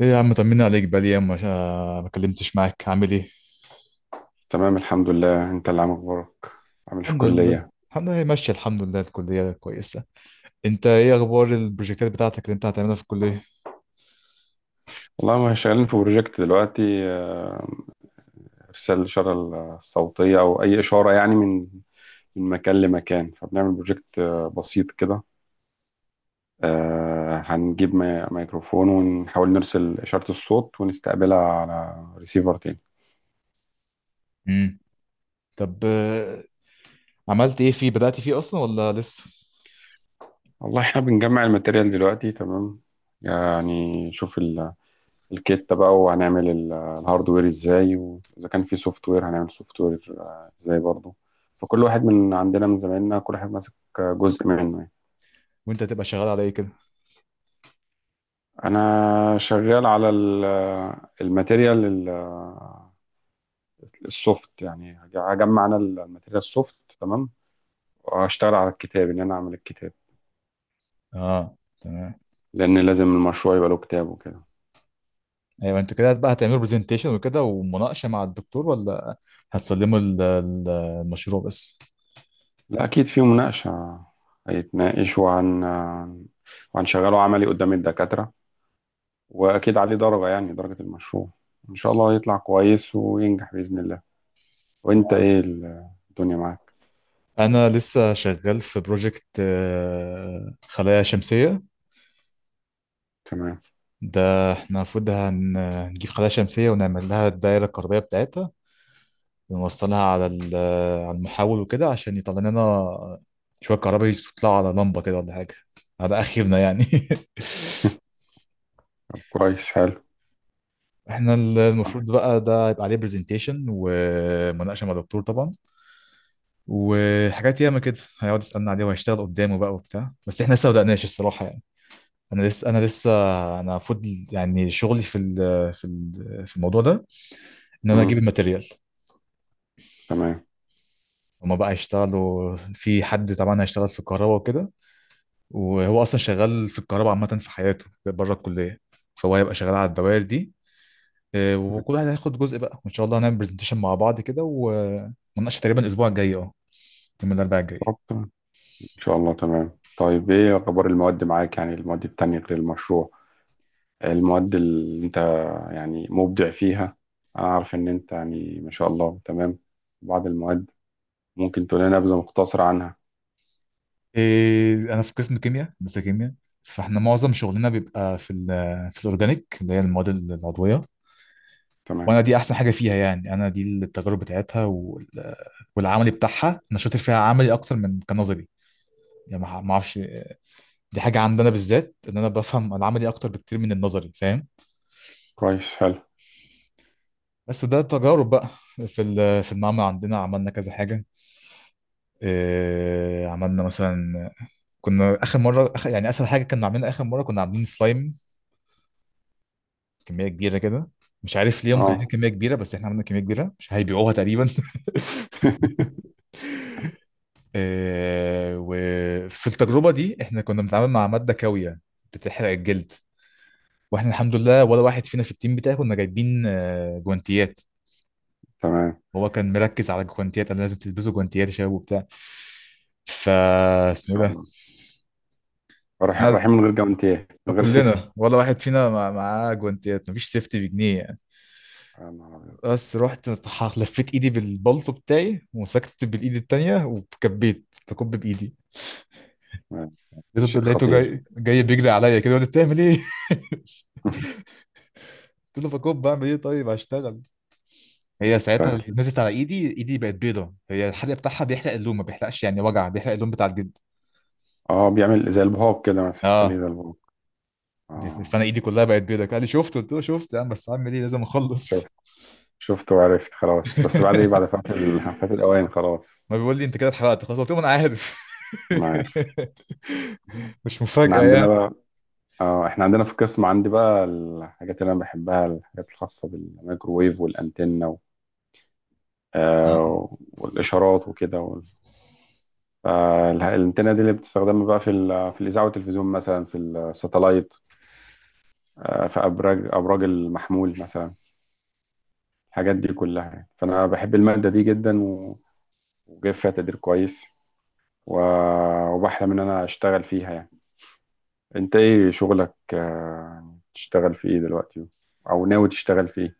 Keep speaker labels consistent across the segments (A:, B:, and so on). A: ايه يا عم، طمني عليك بقالي ايام ما كلمتش معاك. عامل ايه؟
B: تمام، الحمد لله. انت اللي عامل اخبارك؟ عامل إيه في
A: الحمد لله،
B: الكلية؟
A: الحمد لله، هي ماشيه الحمد لله، الكليه كويسه. انت ايه اخبار البروجكتات بتاعتك اللي انت هتعملها في الكليه؟
B: والله ما شغالين في بروجكت دلوقتي. آه، ارسال الاشارة الصوتية او اي اشارة يعني من مكان لمكان، فبنعمل بروجكت بسيط كده. هنجيب ميكروفون ونحاول نرسل اشارة الصوت ونستقبلها على ريسيفر تاني.
A: امم طب عملت ايه فيه؟ بدأت فيه اصلا ولا لسه؟
B: والله احنا بنجمع الماتيريال دلوقتي. تمام، يعني شوف الكتة بقى، وهنعمل الهاردوير ازاي، واذا كان في سوفت وير هنعمل سوفت وير ازاي برضه. فكل واحد من عندنا من زمايلنا كل واحد ماسك جزء منه يعني.
A: وانت هتبقى شغال على ايه كده؟
B: انا شغال على الماتيريال السوفت، يعني هجمع انا الماتيريال السوفت. تمام، واشتغل على الكتاب ان انا اعمل الكتاب،
A: اه تمام.
B: لان لازم المشروع يبقى له كتاب وكده.
A: ايوه، انتوا كده بقى هتعملوا برزنتيشن وكده ومناقشه مع الدكتور، ولا هتسلموا المشروع بس؟
B: لا، اكيد في مناقشة. هيتناقشوا عن وهنشغله عملي قدام الدكاترة. واكيد عليه درجة، يعني درجة المشروع. ان شاء الله يطلع كويس وينجح بإذن الله. وانت ايه الدنيا معاك؟
A: انا لسه شغال في بروجكت خلايا شمسيه.
B: تمام.
A: ده احنا المفروض هنجيب خلايا شمسية ونعمل لها الدائرة الكهربية بتاعتها، ونوصلها على على المحول وكده عشان يطلع لنا شوية كهرباء، يطلعوا على لمبة كده ولا حاجة، على آخرنا يعني.
B: طب كويس، حلو.
A: احنا المفروض بقى ده يبقى عليه برزنتيشن ومناقشة مع الدكتور طبعا، وحاجات ياما كده هيقعد يسألنا عليه وهيشتغل قدامه بقى وبتاع، بس احنا لسه ما بدأناش الصراحة يعني. انا لسه انا المفروض يعني شغلي في الموضوع ده ان انا اجيب
B: امم،
A: الماتيريال.
B: تمام.
A: هما بقى هيشتغلوا، في حد طبعا هيشتغل في الكهرباء وكده، وهو اصلا شغال في الكهرباء عامه في حياته بره الكليه، فهو هيبقى شغال على الدوائر دي. وكل واحد هياخد جزء بقى، وان شاء الله هنعمل برزنتيشن مع بعض كده ومناقشه تقريبا الاسبوع الجاي، اه يوم الاربعاء الجاي.
B: طب ان شاء الله. تمام، طيب ايه اخبار المواد معاك؟ يعني المواد التانية غير المشروع، المواد اللي انت يعني مبدع فيها. انا عارف ان انت يعني ما شاء الله، تمام. بعض المواد ممكن تقول لنا نبذة مختصرة عنها.
A: انا في قسم كيمياء، هندسه كيمياء، فاحنا معظم شغلنا بيبقى في في الاورجانيك اللي هي المواد العضويه.
B: تمام،
A: وانا دي احسن حاجه فيها يعني، انا دي التجارب بتاعتها والعملي بتاعها انا شاطر فيها، عملي اكتر من كنظري يعني. ما اعرفش، دي حاجة عندنا بالذات، ان انا بفهم العملي اكتر بكتير من النظري، فاهم؟
B: كويس، حلو.
A: بس ده تجارب بقى. في المعمل عندنا عملنا كذا حاجة. إيه عملنا مثلا؟ كنا اخر مرة، آخر يعني اسهل حاجة كنا عاملينها اخر مرة، كنا عاملين سلايم كمية كبيرة كده. مش عارف ليه هم كانوا عايزين
B: اه.
A: كمية كبيرة، بس احنا عملنا كمية كبيرة مش هيبيعوها تقريبا. إيه، وفي التجربة دي احنا كنا بنتعامل مع مادة كاوية بتحرق الجلد، واحنا الحمد لله ولا واحد فينا في التيم بتاعي كنا جايبين جوانتيات.
B: تمام
A: هو كان مركز على الجوانتيات، انا لازم تلبسوا جوانتيات يا شباب وبتاع، فا
B: ان
A: اسمه إيه
B: شاء
A: ده،
B: الله.
A: انا
B: رايحين من غير جوانتيه، من غير
A: كلنا
B: سيفتي؟
A: ولا واحد فينا معاه جوانتيات، مفيش سيفتي بجنيه يعني.
B: يا نهار أبيض.
A: بس رحت لفيت ايدي بالبلطو بتاعي ومسكت بالايد التانية وكبيت بكب بايدي.
B: آه،
A: لقيته
B: شيء
A: لقيته
B: خطير.
A: جاي بيجري عليا كده وقال لي بتعمل ايه؟ قلت له بكب، بعمل ايه طيب، هشتغل. هي ساعتها
B: طيب.
A: نزلت على ايدي، ايدي بقت بيضة، هي الحرق بتاعها بيحرق اللون، ما بيحرقش يعني وجع، بيحرق اللون بتاع الجلد.
B: اه، بيعمل زي البهوك كده مثلا،
A: اه
B: خليه زي البهوك. اه.
A: فانا ايدي كلها بقت بيضاء، قال لي شفت؟ قلت له شفت يا عم، بس هعمل ايه، لازم
B: شفت،
A: اخلص.
B: شفت وعرفت خلاص، بس بعد ايه، بعد فات فات الاوان خلاص.
A: ما بيقول لي انت كده اتحرقت خلاص، قلت له ما انا عارف.
B: ما عارف.
A: مش
B: احنا
A: مفاجأة
B: عندنا
A: يعني.
B: بقى، اه احنا عندنا في القسم عندي بقى الحاجات اللي انا بحبها، الحاجات الخاصه بالميكروويف والانتنه
A: نعم.
B: والاشارات وكده الانتنه دي اللي بتستخدم بقى في الاذاعه والتلفزيون مثلا، في الساتلايت، في أبراج المحمول مثلا، الحاجات دي كلها يعني. فأنا بحب المادة دي جدا وجايب فيها تقدير كويس، وبحلم إن أنا أشتغل فيها يعني. أنت إيه شغلك؟ يعني تشتغل في إيه دلوقتي، أو ناوي تشتغل في إيه؟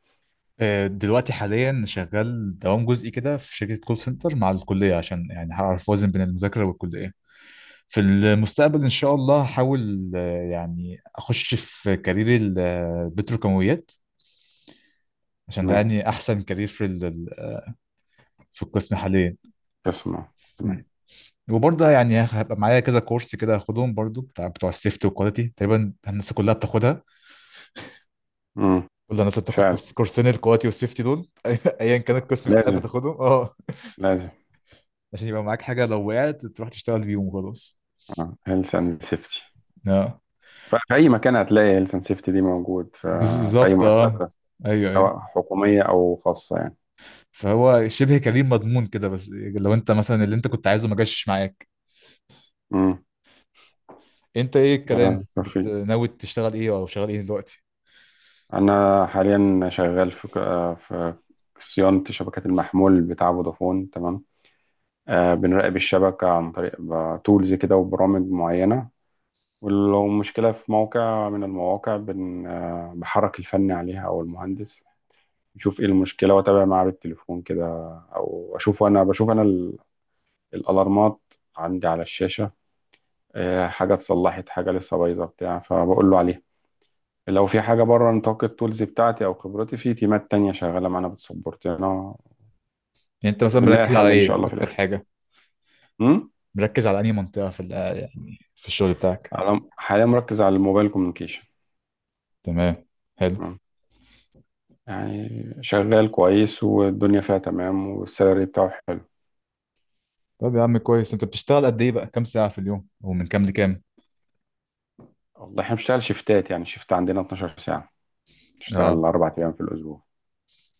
A: دلوقتي حاليا شغال دوام جزئي كده في شركة كول سنتر مع الكلية، عشان يعني هعرف اوازن بين المذاكرة والكلية. في المستقبل ان شاء الله هحاول يعني اخش في كارير البتروكيماويات، عشان ده
B: تمام.
A: يعني احسن كارير في القسم حاليا.
B: تسمع. تمام.
A: وبرضه يعني هبقى معايا كذا كورس كده هاخدهم برضه، بتاع بتوع السيفتي والكواليتي، تقريبا الناس كلها بتاخدها.
B: مم.
A: كل الناس بتاخد
B: فعلا.
A: كورس، كورسين الكواليتي والسيفتي دول. ايا كان القسم بتاعك
B: لازم،
A: بتاخدهم، اه.
B: لازم.
A: عشان يبقى معاك حاجه لو وقعت تروح تشتغل بيهم وخلاص.
B: اه، هيلث اند سيفتي.
A: اه
B: في أي مكان هتلاقي هيلث اند سيفتي دي موجود في، في أي
A: بالظبط اه.
B: مؤسسة،
A: ايوه ايوه.
B: سواء حكومية أو خاصة يعني.
A: فهو شبه كريم مضمون كده، بس لو انت مثلا اللي انت كنت عايزه ما جاش معاك.
B: امم.
A: انت ايه الكلام
B: توفيق،
A: ناوي تشتغل ايه او شغال ايه دلوقتي؟
B: أنا حاليا شغال في في صيانة شبكات المحمول بتاع فودافون. تمام. بنراقب الشبكة عن طريق تولز كده وبرامج معينة، ولو مشكلة في موقع من المواقع بن آه، بحرك الفني عليها أو المهندس يشوف إيه المشكلة، وأتابع معاه بالتليفون كده. أو أشوف أنا، بشوف أنا الألارمات عندي على الشاشة. حاجة اتصلحت، حاجة لسه بايظة بتاع، فبقول له عليها. لو في حاجة بره نطاق التولز بتاعتي أو خبرتي، في تيمات تانية شغالة معانا بتسبورت، يعني أنا
A: يعني انت مثلا
B: وبنلاقي
A: مركز على
B: الحل إن شاء
A: ايه
B: الله في
A: اكتر
B: الآخر.
A: حاجه؟
B: أمم؟
A: مركز على انهي منطقه يعني في الشغل بتاعك؟
B: أنا حاليا مركز على الموبايل كوميونيكيشن.
A: تمام، حلو.
B: تمام. يعني شغال كويس، والدنيا فيها تمام، والسالري بتاعه حلو.
A: طب يا عم كويس، انت بتشتغل قد ايه بقى؟ كام ساعة في اليوم ومن كام لكام؟
B: والله احنا بنشتغل شيفتات، يعني شيفت عندنا 12 ساعة،
A: اه
B: نشتغل 4 أيام في الأسبوع.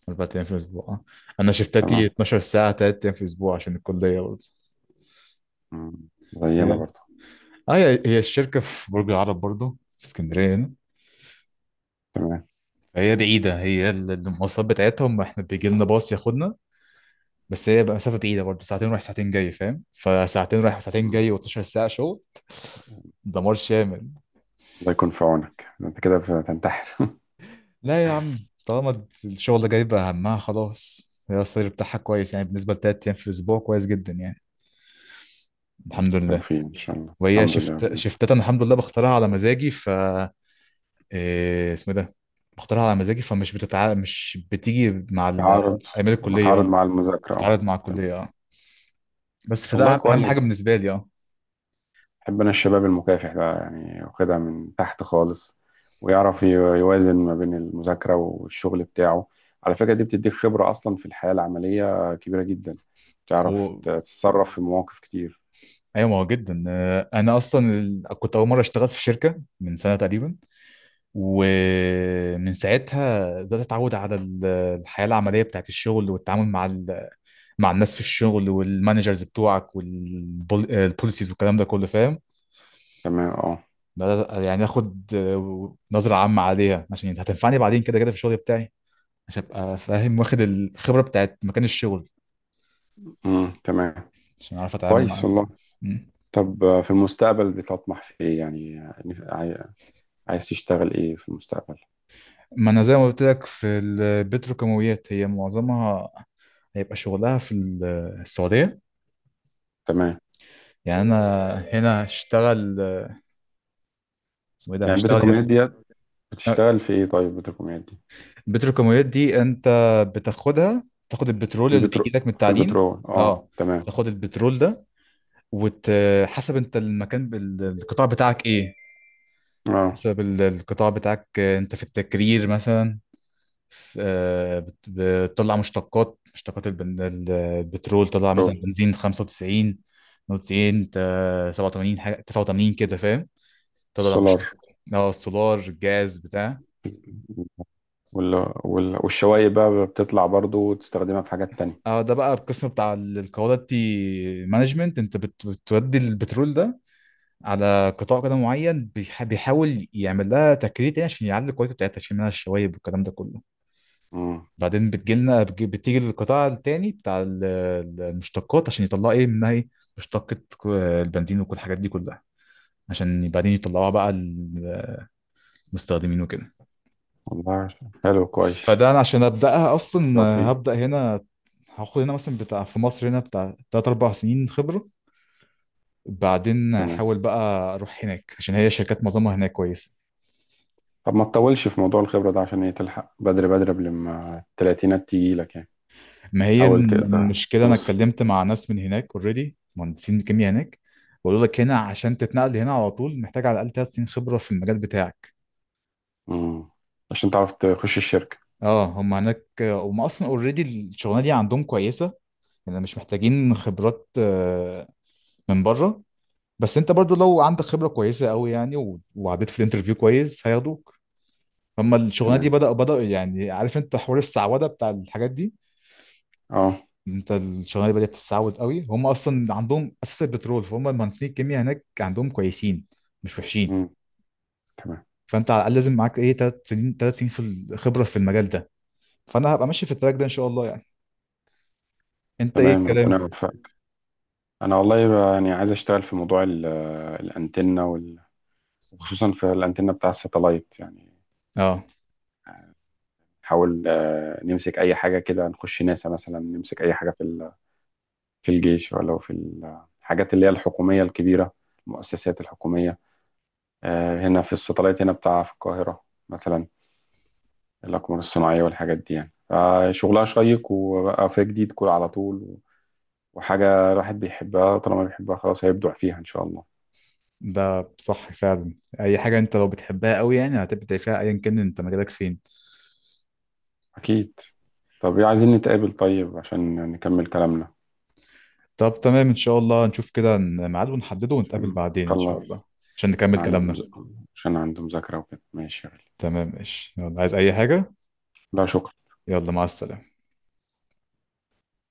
A: اربع ايام في الاسبوع آه. انا شفتاتي
B: تمام.
A: 12 ساعة تلات ايام في الاسبوع عشان الكلية برضه.
B: أمم.
A: هي
B: زينا
A: اه
B: برضه.
A: هي الشركة في برج العرب برضه في اسكندرية هنا،
B: تمام.
A: فهي بعيدة. هي المواصلات بتاعتهم احنا بيجي لنا باص ياخدنا، بس هي بقى مسافة بعيدة برضه، ساعتين رايح ساعتين جاي، فاهم؟ فساعتين رايح وساعتين
B: أمم.
A: جاي و12 ساعة شغل، دمار شامل.
B: الله يكون في عونك، أنت كده بتنتحر.
A: لا يا عم، طالما الشغل ده جايب همها خلاص، هي السالري بتاعها كويس يعني، بالنسبة لتلات أيام في الأسبوع كويس جدا يعني، الحمد لله.
B: توفيق إن شاء الله،
A: وهي
B: الحمد لله يا
A: شفت،
B: رب.
A: شفتات أنا الحمد لله بختارها على مزاجي، ف إيه اسمه ده، بختارها على مزاجي فمش مش بتيجي مع
B: تعارض.
A: أيام الكلية،
B: بتعارض
A: اه
B: مع المذاكرة أهو.
A: بتتعارض مع الكلية
B: تمام.
A: اه. بس
B: والله
A: فده أهم حاجة
B: كويس،
A: بالنسبة لي اه.
B: بحب انا الشباب المكافح ده يعني، واخدها من تحت خالص، ويعرف يوازن ما بين المذاكرة والشغل بتاعه. على فكرة دي بتديك خبرة اصلا في الحياة العملية كبيرة جدا، تعرف
A: هو
B: تتصرف في مواقف كتير.
A: أيوة ما هو جدا. أنا أصلا كنت أول مرة اشتغلت في شركة من سنة تقريبا، ومن ساعتها بدأت أتعود على الحياة العملية بتاعت الشغل والتعامل مع مع الناس في الشغل والمانجرز بتوعك والبوليسيز والكلام ده كله، فاهم؟
B: تمام، اه.
A: بدأت يعني آخد نظرة عامة عليها عشان هتنفعني بعدين كده كده في الشغل بتاعي، عشان أبقى فاهم واخد الخبرة بتاعت مكان الشغل،
B: امم، تمام.
A: عشان أعرف أتعامل
B: كويس
A: معاه.
B: والله.
A: مم.
B: طب في المستقبل بتطمح في ايه يعني، عاي- عايز تشتغل ايه في المستقبل؟
A: ما أنا زي ما قلت لك في البتروكيماويات، هي معظمها هيبقى شغلها في السعودية.
B: تمام.
A: يعني أنا هنا هشتغل، اسمه ايه ده،
B: يعني بتركمانيات
A: هشتغل
B: ديت، بتشتغل في ايه طيب بتركمانيات دي؟
A: البتروكيماويات دي. انت بتاخدها، تاخد البترول
B: في
A: اللي
B: البترو،
A: بيجي لك من
B: في
A: التعدين.
B: البترول، اه
A: اه
B: تمام.
A: تاخد البترول ده، وحسب انت المكان القطاع بتاعك ايه.
B: اه،
A: حسب القطاع بتاعك، انت في التكرير مثلا بتطلع مشتقات، مشتقات البترول، طلع مثلا
B: بترول.
A: بنزين 95 92 87 حاجه 89 كده فاهم، تطلع
B: السولار
A: مشتق. اه السولار، الجاز بتاع.
B: وال... والشوايب بقى بتطلع برضو، وتستخدمها في حاجات تانية.
A: اه ده بقى القسم بتاع الكواليتي مانجمنت، انت بتودي البترول ده على قطاع كده معين بيحاول يعمل لها تكريت يعني، عشان يعلي الكواليتي بتاعتها، يشيل منها الشوايب والكلام ده كله.
B: مم.
A: بعدين بتيجي للقطاع التاني بتاع المشتقات، عشان يطلعوا ايه منها، ايه مشتقة البنزين وكل الحاجات دي كلها، عشان بعدين يطلعوها بقى للمستخدمين وكده.
B: والله حلو، كويس.
A: فده انا عشان ابداها اصلا،
B: توفيق.
A: هبدا هنا، هاخد هنا مثلا بتاع في مصر هنا بتاع 3 4 سنين خبرة، بعدين
B: تمام.
A: حاول بقى اروح هناك، عشان هي شركات معظمها هناك كويسه.
B: طب ما تطولش في موضوع الخبرة ده، عشان ايه تلحق بدري بدري قبل ما التلاتينات تيجي لك يعني.
A: ما هي
B: حاول تقدر
A: المشكله، انا
B: توصل.
A: اتكلمت مع ناس من هناك اوريدي، مهندسين كيمياء هناك، بقول لك هنا عشان تتنقل هنا على طول محتاج على الاقل ثلاث سنين خبره في المجال بتاعك.
B: مم. عشان تعرف تخش الشركة.
A: اه هم هناك هم اصلا اوريدي الشغلانه دي عندهم كويسه، يعني مش محتاجين خبرات من بره. بس انت برضو لو عندك خبره كويسه قوي يعني وعديت في الانترفيو كويس هياخدوك. هم الشغلانه دي
B: تمام،
A: بدأ يعني، عارف انت حوار السعوده بتاع الحاجات دي،
B: اه.
A: انت الشغلانه بدات تستعود قوي، هم اصلا عندهم اساس البترول، فهم المهندسين الكيمياء هناك عندهم كويسين مش وحشين.
B: مم. تمام.
A: فانت على الاقل لازم معاك ايه ثلاث سنين، ثلاث سنين في الخبره في المجال ده. فانا هبقى ماشي في التراك ده ان شاء الله يعني. انت ايه
B: تمام، ربنا
A: الكلام؟
B: يوفقك. انا والله بقى يعني عايز اشتغل في موضوع الانتنة وخصوصا في الانتنة بتاع الساتلايت يعني.
A: اه
B: نحاول نمسك اي حاجه كده، نخش ناسا مثلا، نمسك اي حاجه في في الجيش ولا في الحاجات اللي هي الحكوميه الكبيره، المؤسسات الحكوميه، هنا في الساتلايت هنا بتاع، في القاهره مثلا، الاقمار الصناعيه والحاجات دي يعني. فشغلها شيق، وبقى في جديد كل على طول، وحاجه الواحد بيحبها، طالما بيحبها خلاص هيبدع فيها ان شاء الله.
A: ده صح فعلا، اي حاجه انت لو بتحبها قوي يعني هتبدع فيها ايا كان انت مجالك فين.
B: اكيد. طب إيه، عايزين نتقابل طيب عشان نكمل كلامنا.
A: طب تمام ان شاء الله، نشوف كده ميعاد ونحدده ونتقابل
B: عشان
A: بعدين ان شاء الله،
B: خلص.
A: عشان
B: عشان
A: نكمل
B: عندي
A: كلامنا.
B: مز... عشان عندي مذاكرة وكده. ماشي يا غالي.
A: تمام ماشي، يلا عايز اي حاجه؟
B: لا، شكرا.
A: يلا مع السلامه.